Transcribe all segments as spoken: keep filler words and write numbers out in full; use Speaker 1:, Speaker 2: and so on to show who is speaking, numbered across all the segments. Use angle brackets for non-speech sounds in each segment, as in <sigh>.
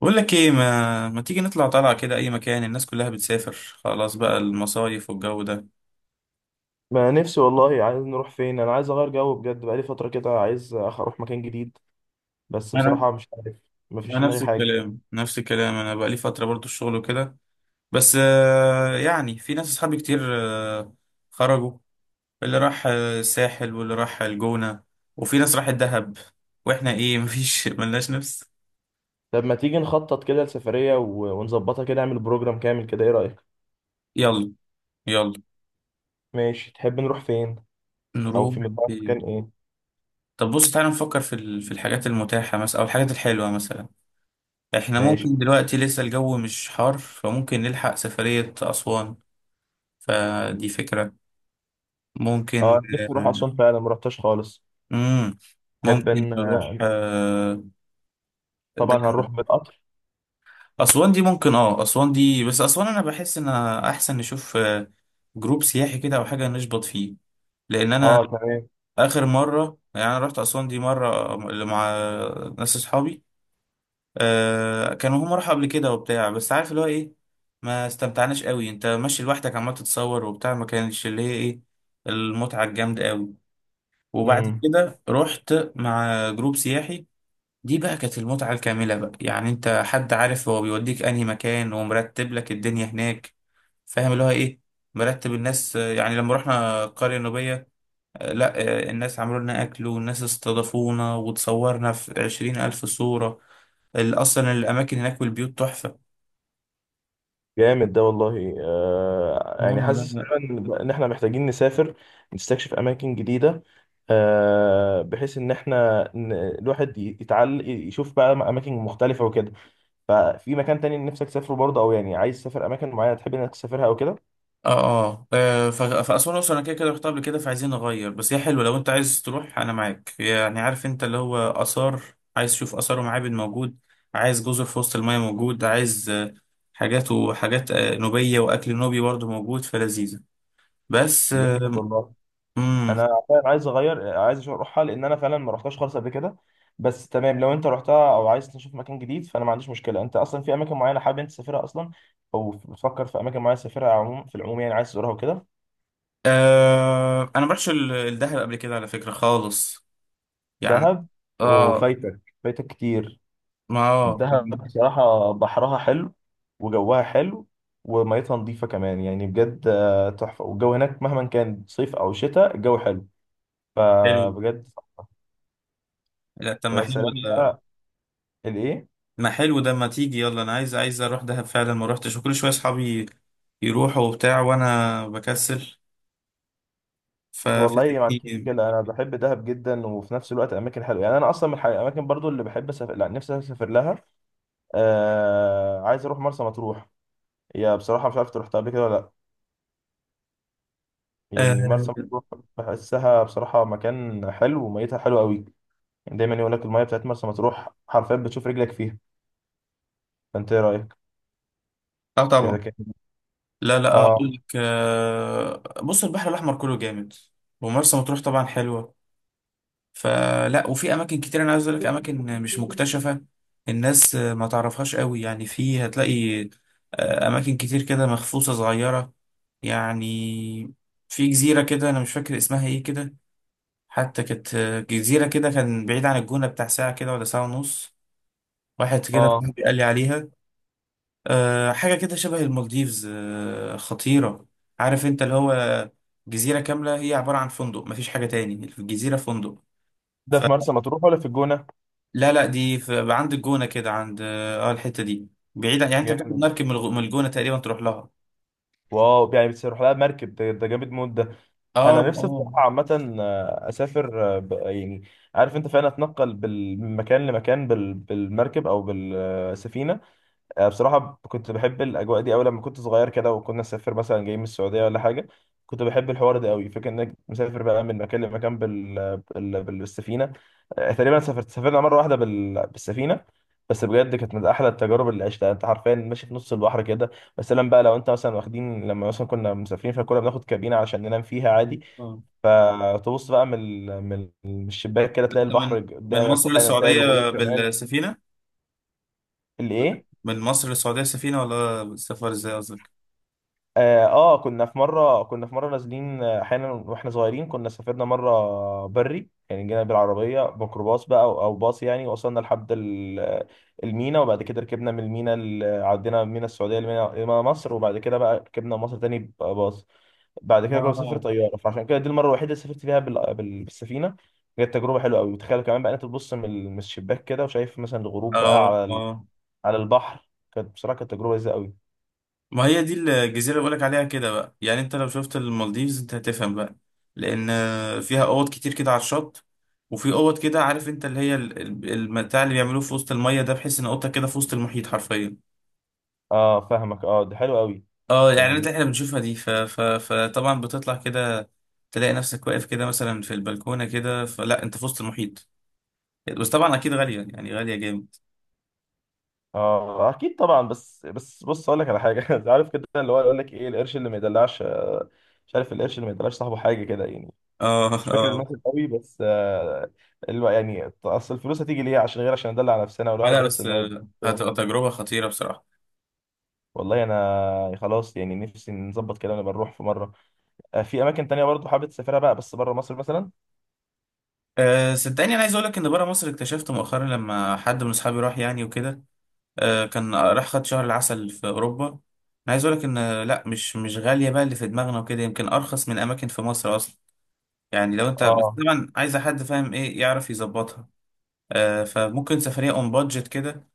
Speaker 1: بقول لك ايه، ما ما تيجي نطلع طلعة كده اي مكان. الناس كلها بتسافر خلاص بقى المصايف والجو ده.
Speaker 2: ما نفسي والله. عايز نروح فين؟ انا عايز اغير جو بجد، بقالي فتره كده، عايز أخ- اروح مكان جديد. بس
Speaker 1: انا
Speaker 2: بصراحه مش عارف، مفيش
Speaker 1: انا
Speaker 2: دماغي
Speaker 1: نفس
Speaker 2: حاجه.
Speaker 1: الكلام نفس الكلام. انا بقى لي فترة برضو الشغل وكده. بس آه، يعني في ناس اصحابي كتير آه، خرجوا. اللي راح آه، الساحل واللي راح الجونة، وفي ناس راحت دهب، واحنا ايه <laughs> مفيش ملناش نفس.
Speaker 2: طب ما تيجي نخطط كده لسفريه و- ونظبطها كده، نعمل بروجرام كامل كده، ايه رايك؟
Speaker 1: يلا يلا،
Speaker 2: ماشي، تحب نروح فين او
Speaker 1: نروح
Speaker 2: في مقدار
Speaker 1: فين؟
Speaker 2: مكان ايه؟
Speaker 1: طب بص تعالى نفكر في ال- في الحاجات المتاحة مثلا او الحاجات الحلوة مثلا. احنا
Speaker 2: ماشي.
Speaker 1: ممكن دلوقتي لسه الجو مش حار فممكن نلحق سفرية أسوان. فدي فكرة. ممكن.
Speaker 2: اه، أنا نفسي اروح اسوان فعلا، ما رحتش خالص.
Speaker 1: امم
Speaker 2: تحب
Speaker 1: ممكن
Speaker 2: ان
Speaker 1: نروح آه،
Speaker 2: طبعا هنروح
Speaker 1: دهب.
Speaker 2: بالقطر؟
Speaker 1: أسوان دي ممكن، اه أسوان دي، بس أسوان أنا بحس إن أحسن نشوف آه، جروب سياحي كده أو حاجة نشبط فيه، لأن أنا
Speaker 2: اه تمام.
Speaker 1: آخر مرة يعني أنا رحت أسوان دي مرة مع ناس أصحابي. آه كانوا هم راحوا قبل كده وبتاع، بس عارف اللي هو ايه، ما استمتعناش قوي. انت ماشي لوحدك عمال تتصور وبتاع، ما كانش اللي هي ايه المتعة الجامدة قوي. وبعد
Speaker 2: مم.
Speaker 1: كده رحت مع جروب سياحي، دي بقى كانت المتعة الكاملة بقى. يعني انت حد عارف هو بيوديك انهي مكان ومرتب لك الدنيا هناك، فاهم اللي هو ايه. مرتب الناس. آه، يعني لما رحنا القرية النوبية، آه، لا آه، الناس عملوا لنا أكل والناس استضافونا وتصورنا في عشرين ألف صورة. ال- اصلا الاماكن هناك والبيوت تحفه.
Speaker 2: جامد ده والله، آه يعني
Speaker 1: اه لا
Speaker 2: حاسس
Speaker 1: لا.
Speaker 2: فعلا ان احنا محتاجين نسافر، نستكشف اماكن جديده، آه بحيث ان احنا ن- الواحد ي- يتعل يشوف بقى اماكن مختلفه وكده. ففي مكان تاني نفسك تسافره برضه، او يعني عايز تسافر اماكن معينه تحب انك تسافرها او كده؟
Speaker 1: اه اه. آه، ف- فاسوان اصلا انا كده كده رحتها قبل كده فعايزين نغير. بس هي حلوه، لو انت عايز تروح انا معاك. يعني عارف انت اللي هو اثار، عايز تشوف اثار ومعابد، موجود. عايز جزر في وسط المايه، موجود. عايز آه، حاجات وحاجات آه، نوبيه واكل نوبي برضه، موجود فلذيذه. بس
Speaker 2: جامد
Speaker 1: آه،
Speaker 2: والله.
Speaker 1: امم
Speaker 2: انا فعلا عايز اغير، عايز أشوف اروحها، لان انا فعلا ما رحتهاش خالص قبل كده. بس تمام، لو انت رحتها او عايز تشوف مكان جديد فانا ما عنديش مشكله. انت اصلا في اماكن معينه حابب انت تسافرها اصلا، او بتفكر في اماكن معينه تسافرها عموما في العموم، يعني عايز تزورها وكده؟
Speaker 1: آه. انا ما رحتش ال- الدهب قبل كده على فكره خالص، يعني.
Speaker 2: دهب؟
Speaker 1: اه
Speaker 2: وفايتك، فايتك كتير.
Speaker 1: ما اه
Speaker 2: دهب بصراحه بحرها حلو، وجوها حلو، وميتها نظيفه كمان، يعني بجد آه، تحفه. والجو هناك مهما كان صيف او شتاء الجو حلو،
Speaker 1: حلو.
Speaker 2: فبجد.
Speaker 1: لا طب ما
Speaker 2: ويا سلام
Speaker 1: حلو ده،
Speaker 2: بقى الايه.
Speaker 1: ما حلو ده. ما تيجي يلا، انا عايز عايز اروح دهب فعلا، ما روحتش، وكل شويه اصحابي يروحوا وبتاع وانا بكسل
Speaker 2: والله ما عنديش
Speaker 1: ففاتتني.
Speaker 2: مشكلة، أنا بحب دهب جدا. وفي نفس الوقت أماكن حلوة، يعني أنا أصلا من الح- الأماكن برضو اللي بحب أسافر، لا نفسي أسافر لها. آه... عايز أروح مرسى مطروح. هي بصراحة مش عارف أنت رحتها قبل كده ولا لأ. يعني
Speaker 1: اه
Speaker 2: مرسى مطروح بحسها بصراحة مكان حلو وميتها حلوة قوي، يعني دايما يقول لك المية بتاعت مرسى مطروح حرفيا بتشوف رجلك فيها. فأنت إيه رأيك؟
Speaker 1: آه
Speaker 2: إذا
Speaker 1: طبعا.
Speaker 2: كان
Speaker 1: لا لا، آه، اقول
Speaker 2: آه.
Speaker 1: لك آه، بص، البحر الاحمر كله جامد، ومرسى مطروح طبعا حلوه. فلا، وفي اماكن كتير انا عايز اقول لك، اماكن مش مكتشفه، الناس آه، ما تعرفهاش قوي يعني. في هتلاقي آه، اماكن كتير كده مخصوصه صغيره، يعني. في جزيره كده انا مش فاكر اسمها ايه كده، حتى كانت جزيرة كده، كان بعيد عن الجونة بتاع ساعة كده ولا ساعة ونص. واحد كده
Speaker 2: آه،
Speaker 1: صاحبي قال لي عليها، أه حاجة كده شبه المالديفز، أه خطيرة. عارف انت اللي هو، جزيرة كاملة هي عبارة عن فندق، مفيش حاجة تاني، الجزيرة فندق.
Speaker 2: ده في
Speaker 1: فلا،
Speaker 2: مرسى مطروح ولا في الجونة؟
Speaker 1: لا دي في عند الجونة كده، عند اه الحتة دي، بعيدة. يعني انت بتاخد
Speaker 2: جامد.
Speaker 1: مركب من الغ- من الجونة تقريبا تروح لها.
Speaker 2: واو، يعني بتروح لها مركب؟ ده، ده جامد موت ده.
Speaker 1: اه
Speaker 2: انا نفسي
Speaker 1: اه
Speaker 2: الصراحه عامه آه، اسافر آه، ب- يعني عارف انت، فعلا اتنقل بال- من مكان لمكان بال- بالمركب او بالسفينه. آه، بصراحه ب- كنت بحب الاجواء دي قوي لما كنت صغير كده، وكنا نسافر مثلا جاي من السعوديه ولا حاجه. كنت بحب الحوار ده قوي، فكره انك مسافر بقى من مكان لمكان بال... بال... بالسفينه. آه، تقريبا سافرت سافرنا مره واحده بال... بالسفينه، بس بجد كانت من احلى التجارب اللي عشتها. انت حرفيا ماشي في نص البحر كده. بس لما بقى، لو انت مثلا واخدين، لما مثلا كنا مسافرين فكنا بناخد كابينه عشان ننام فيها عادي.
Speaker 1: اه.
Speaker 2: فتبص بقى من ال- من ال- من الشباك كده تلاقي
Speaker 1: انت
Speaker 2: البحر
Speaker 1: من من
Speaker 2: قدامك،
Speaker 1: مصر
Speaker 2: واحيانا تلاقي
Speaker 1: للسعودية
Speaker 2: الغروب كمان.
Speaker 1: بالسفينة؟
Speaker 2: الايه.
Speaker 1: من مصر للسعودية سفينة، ولا سفر ازاي قصدك؟
Speaker 2: اه، آه، كنا في مره كنا في مره نازلين، آه، احيانا واحنا صغيرين كنا سافرنا مره بري، يعني جينا بالعربيه ميكروباص بقى، او أو باص يعني، وصلنا لحد ال- المينا. وبعد كده ركبنا من المينا ال- عدينا من المينا السعوديه لمينا لمينا مصر، وبعد كده بقى ركبنا مصر تاني باص. بعد كده كنا بنسافر
Speaker 1: اه
Speaker 2: طياره، فعشان كده دي المره الوحيده اللي سافرت فيها بال- بال- بالسفينه. كانت تجربه حلوه قوي، وتخيل كمان بقى انت تبص من ال- من الشباك كده وشايف مثلا الغروب بقى
Speaker 1: اه
Speaker 2: على ال-
Speaker 1: اه.
Speaker 2: على البحر. كانت بصراحه، كانت تجربه لذيذه قوي.
Speaker 1: ما هي دي الجزيرة اللي بقولك عليها كده بقى، يعني انت لو شفت المالديفز انت هتفهم بقى، لأن فيها أوض كتير كده على الشط، وفي أوض كده عارف انت اللي هي ال- ال- المتاع اللي بيعملوه في وسط المية ده، بحيث ان اوضتك كده في وسط المحيط حرفيا.
Speaker 2: اه فاهمك، اه دي حلوه قوي.
Speaker 1: اه الإعلانات
Speaker 2: يعني
Speaker 1: اللي احنا بنشوفها دي ف... ف... فطبعا بتطلع كده، تلاقي نفسك واقف كده مثلا في البلكونة كده، فلا انت في وسط المحيط. بس طبعا أكيد غالية، يعني يعني غالية جامد.
Speaker 2: اه اكيد طبعا. بس بس بص اقول لك على حاجه. <laughs> عارف كده اللي هو، يقول لك ايه، القرش اللي ما يدلعش آه، مش عارف، القرش اللي ما يدلعش صاحبه حاجه كده يعني.
Speaker 1: اه
Speaker 2: مش فاكر
Speaker 1: اه
Speaker 2: المثل قوي بس آه، اللي هو يعني، اصل الفلوس هتيجي ليه؟ عشان غير عشان ندلع نفسنا،
Speaker 1: آه،
Speaker 2: والواحد
Speaker 1: لا
Speaker 2: يحس
Speaker 1: بس
Speaker 2: ان هو.
Speaker 1: آه، هتبقى تجربة خطيرة بصراحة.
Speaker 2: والله انا خلاص، يعني نفسي نظبط كده ونبقى نروح في مره. آه، في اماكن تانية برضو حابب تسافرها بقى، بس بره مصر مثلا؟
Speaker 1: أه صدقني، انا عايز اقول لك ان بره مصر، اكتشفت مؤخرا لما حد من اصحابي راح يعني وكده. أه كان راح خد شهر العسل في اوروبا. انا عايز اقول لك ان آه، لا، مش مش غاليه بقى اللي في دماغنا وكده. يمكن ارخص من اماكن في مصر اصلا، يعني، لو انت بس
Speaker 2: اه.
Speaker 1: طبعا عايزه حد فاهم ايه يعرف يظبطها. أه فممكن سفريه اون بادجت كده،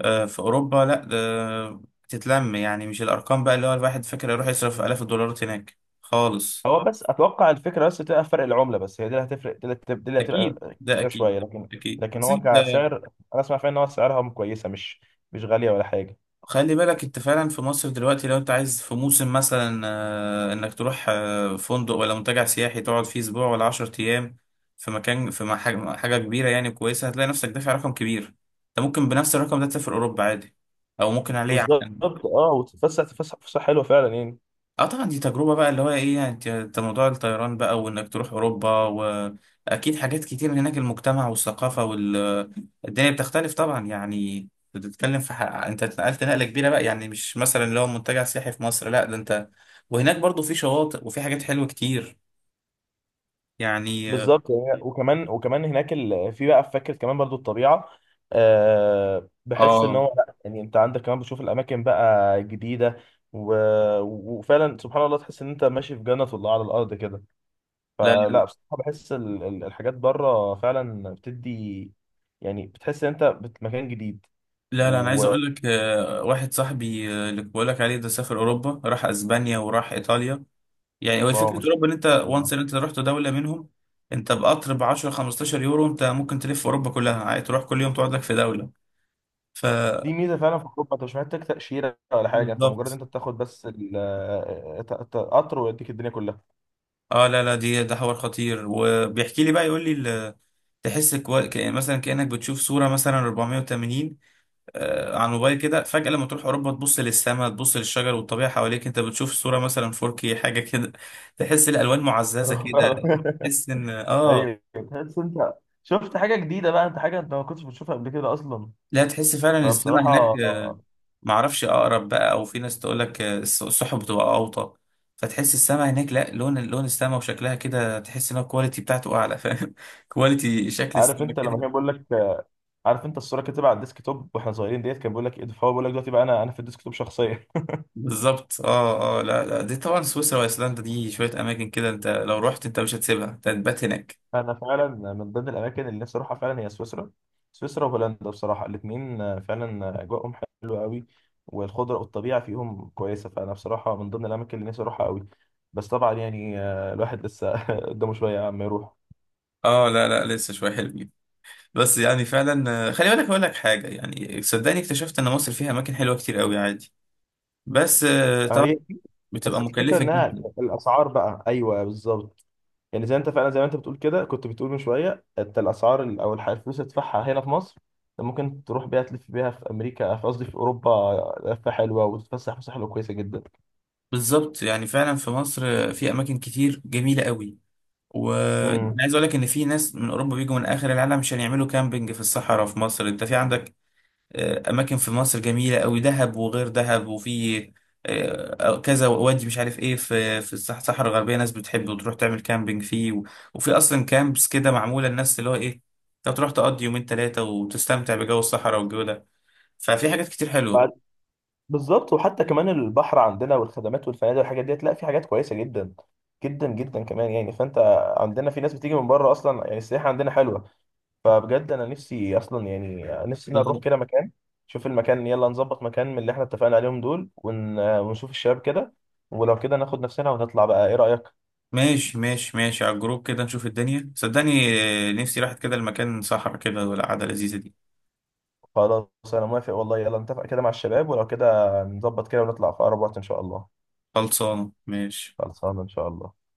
Speaker 1: أه في اوروبا. لا ده تتلم، يعني مش الارقام بقى اللي هو الواحد فاكر، يروح يصرف الاف الدولارات هناك خالص.
Speaker 2: هو بس اتوقع الفكره بس تبقى في فرق العمله، بس هي دي اللي هتفرق، دي اللي هتب- دي اللي هتبقى
Speaker 1: اكيد ده
Speaker 2: كبيره
Speaker 1: اكيد
Speaker 2: شويه. لكن،
Speaker 1: اكيد.
Speaker 2: لكن
Speaker 1: بس
Speaker 2: هو
Speaker 1: انت
Speaker 2: كسعر انا اسمع فعلا ان هو سعرها كويسه، مش مش غاليه ولا حاجه.
Speaker 1: خلي بالك، انت فعلا في مصر دلوقتي لو انت عايز في موسم مثلا آه، انك تروح آه، فندق ولا منتجع سياحي تقعد فيه اسبوع ولا عشرة ايام في مكان في مح- حاجه كبيره يعني كويسه، هتلاقي نفسك دافع رقم كبير. انت ممكن بنفس الرقم ده تسافر اوروبا عادي، او ممكن عليه
Speaker 2: بالظبط.
Speaker 1: عشان.
Speaker 2: اه وتتفسح، تفسح فسحه حلوه فعلا يعني.
Speaker 1: اه طبعا، دي تجربة بقى اللي هو ايه. يعني انت انت موضوع الطيران بقى، وانك تروح اوروبا، واكيد حاجات كتير هناك، المجتمع والثقافة والدنيا بتختلف طبعا. يعني بتتكلم في حق، انت اتنقلت نقلة كبيرة بقى، يعني مش مثلا اللي هو منتجع سياحي في مصر، لا ده انت، وهناك برضو في شواطئ وفي حاجات حلوة كتير، يعني.
Speaker 2: بالظبط. هي- وكمان، وكمان هناك ال... في بقى في فكره كمان برضو الطبيعه. أه، بحس ان
Speaker 1: اه
Speaker 2: هو لا، يعني انت عندك كمان بتشوف الاماكن بقى جديده و... وفعلا سبحان الله تحس ان انت ماشي في جنه الله على الارض كده.
Speaker 1: لا
Speaker 2: فلا،
Speaker 1: لا.
Speaker 2: بصراحه بحس ال... ال- الحاجات بره فعلا بتدي يعني، بتحس ان انت بت... مكان جديد.
Speaker 1: لا لا، انا عايز
Speaker 2: و،
Speaker 1: اقول لك آه، واحد صاحبي آه، اللي بقول لك عليه ده سافر اوروبا، راح اسبانيا وراح ايطاليا. يعني هو
Speaker 2: واو ما
Speaker 1: فكره
Speaker 2: شاء
Speaker 1: اوروبا ان انت وانس
Speaker 2: الله.
Speaker 1: ان انت رحت دوله منهم، انت بقطر ب عشرة خمستاشر يورو انت ممكن تلف اوروبا كلها عادي، تروح كل يوم تقعد لك في دوله. ف
Speaker 2: دي ميزه فعلا في اوروبا، انت مش محتاج تاشيره ولا حاجه، انت مجرد
Speaker 1: بالظبط.
Speaker 2: انت بتاخد بس ال... ت- ت- قطر، ويديك الدنيا كلها.
Speaker 1: اه لا لا، دي ده حوار خطير. وبيحكي لي بقى يقول لي ال- تحس كو... كأن مثلا كأنك بتشوف صورة مثلا اربعمائة وثمانين آه على الموبايل كده، فجأة لما تروح أوروبا تبص للسماء، تبص للشجر والطبيعة حواليك، أنت بتشوف صورة مثلا فور كيه حاجة كده. تحس الألوان معززة كده.
Speaker 2: <laughs>
Speaker 1: تحس إن آه.
Speaker 2: ايوه، تحس انت شفت حاجه جديده بقى، انت حاجه انت ما كنتش بتشوفها قبل كده اصلا.
Speaker 1: لا تحس فعلا السماء
Speaker 2: فبصراحه
Speaker 1: هناك آه،
Speaker 2: آه،
Speaker 1: معرفش اقرب بقى، او في ناس تقول لك السحب بتبقى اوطى، فتحس السماء هناك، لا لون، لون السماء وشكلها كده، تحس ان هو الكواليتي بتاعته اعلى، فاهم <laughs> كواليتي شكل
Speaker 2: عارف
Speaker 1: السماء
Speaker 2: انت لما
Speaker 1: كده.
Speaker 2: كان بيقول لك آه، عارف انت الصوره كانت تبقى على الديسك توب واحنا صغيرين، ديت كان بيقول لك ايه ده؟ فهو بيقول لك دلوقتي بقى انا، انا في الديسك توب شخصيا.
Speaker 1: بالظبط اه اه. لا لا دي طبعا سويسرا وايسلندا، دي شويه اماكن كده انت لو رحت انت مش هتسيبها، انت هتبات هناك.
Speaker 2: <laughs> انا فعلا من ضمن الاماكن اللي نفسي اروحها فعلا هي سويسرا. سويسرا وهولندا بصراحه الاثنين فعلا اجواءهم حلوه قوي، والخضره والطبيعه فيهم كويسه، فانا بصراحه من ضمن الاماكن اللي نفسي اروحها قوي. بس طبعا يعني آه، الواحد لسه <laughs> قدامه شويه عم يروح.
Speaker 1: اه لا لا، لسه شويه حلوين. بس يعني فعلا آه، خلي بالك اقول لك حاجه، يعني صدقني اكتشفت ان مصر فيها اماكن حلوه كتير قوي عادي، بس آه،
Speaker 2: آه،
Speaker 1: طبعا
Speaker 2: هي
Speaker 1: بتبقى
Speaker 2: بس الفكره
Speaker 1: مكلفه
Speaker 2: انها
Speaker 1: جدا.
Speaker 2: الاسعار بقى، ايوه بالظبط. يعني زي انت فعلا، زي ما انت بتقول كده، كنت بتقول من شويه انت الاسعار ال- او الح- الفلوس اللي تدفعها هنا في مصر، أنت ممكن تروح بيها تلف بيها في امريكا، في قصدي في اوروبا لفه حلوه، وتتفسح فسحه حلوه كويسه جدا.
Speaker 1: بالظبط، يعني فعلا في مصر في اماكن كتير جميله قوي، وانا
Speaker 2: امم.
Speaker 1: عايز اقول لك ان في ناس من اوروبا بيجوا من اخر العالم عشان يعملوا كامبينج في الصحراء في مصر. انت في عندك آه، اماكن في مصر جميله قوي، دهب وغير دهب، وفي آه، آه، كذا وادي مش عارف ايه في في الصح- الصحراء الغربيه، ناس بتحب وتروح تعمل كامبينج فيه، و- وفي اصلا كامبس كده معموله للناس اللي هو ايه، انت تروح تقضي يومين ثلاثه وتستمتع بجو الصحراء والجو ده. ففي حاجات كتير
Speaker 2: بعد-،
Speaker 1: حلوه.
Speaker 2: بالظبط. وحتى كمان البحر عندنا والخدمات والفنادق والحاجات ديت، لا في حاجات كويسه جدا جدا جدا كمان يعني. فانت عندنا في ناس بتيجي من بره اصلا، يعني السياحه عندنا حلوه. فبجد انا نفسي اصلا، يعني نفسي إن أنا اروح كده مكان، شوف المكان. يلا نظبط مكان من اللي احنا اتفقنا عليهم دول ون... ونشوف الشباب كده، ولو كده ناخد نفسنا ونطلع بقى، ايه رأيك؟
Speaker 1: ماشي ماشي ماشي، على الجروب كده نشوف الدنيا صدقني. آه، نفسي راحت كده المكان صحرا كده، والقعدة لذيذة دي.
Speaker 2: خلاص. انا موافق والله. يلا نتفق كده مع الشباب ولو كده نظبط كده ونطلع في اقرب وقت ان شاء الله.
Speaker 1: خلصانة ماشي.
Speaker 2: خلصانه ان شاء الله.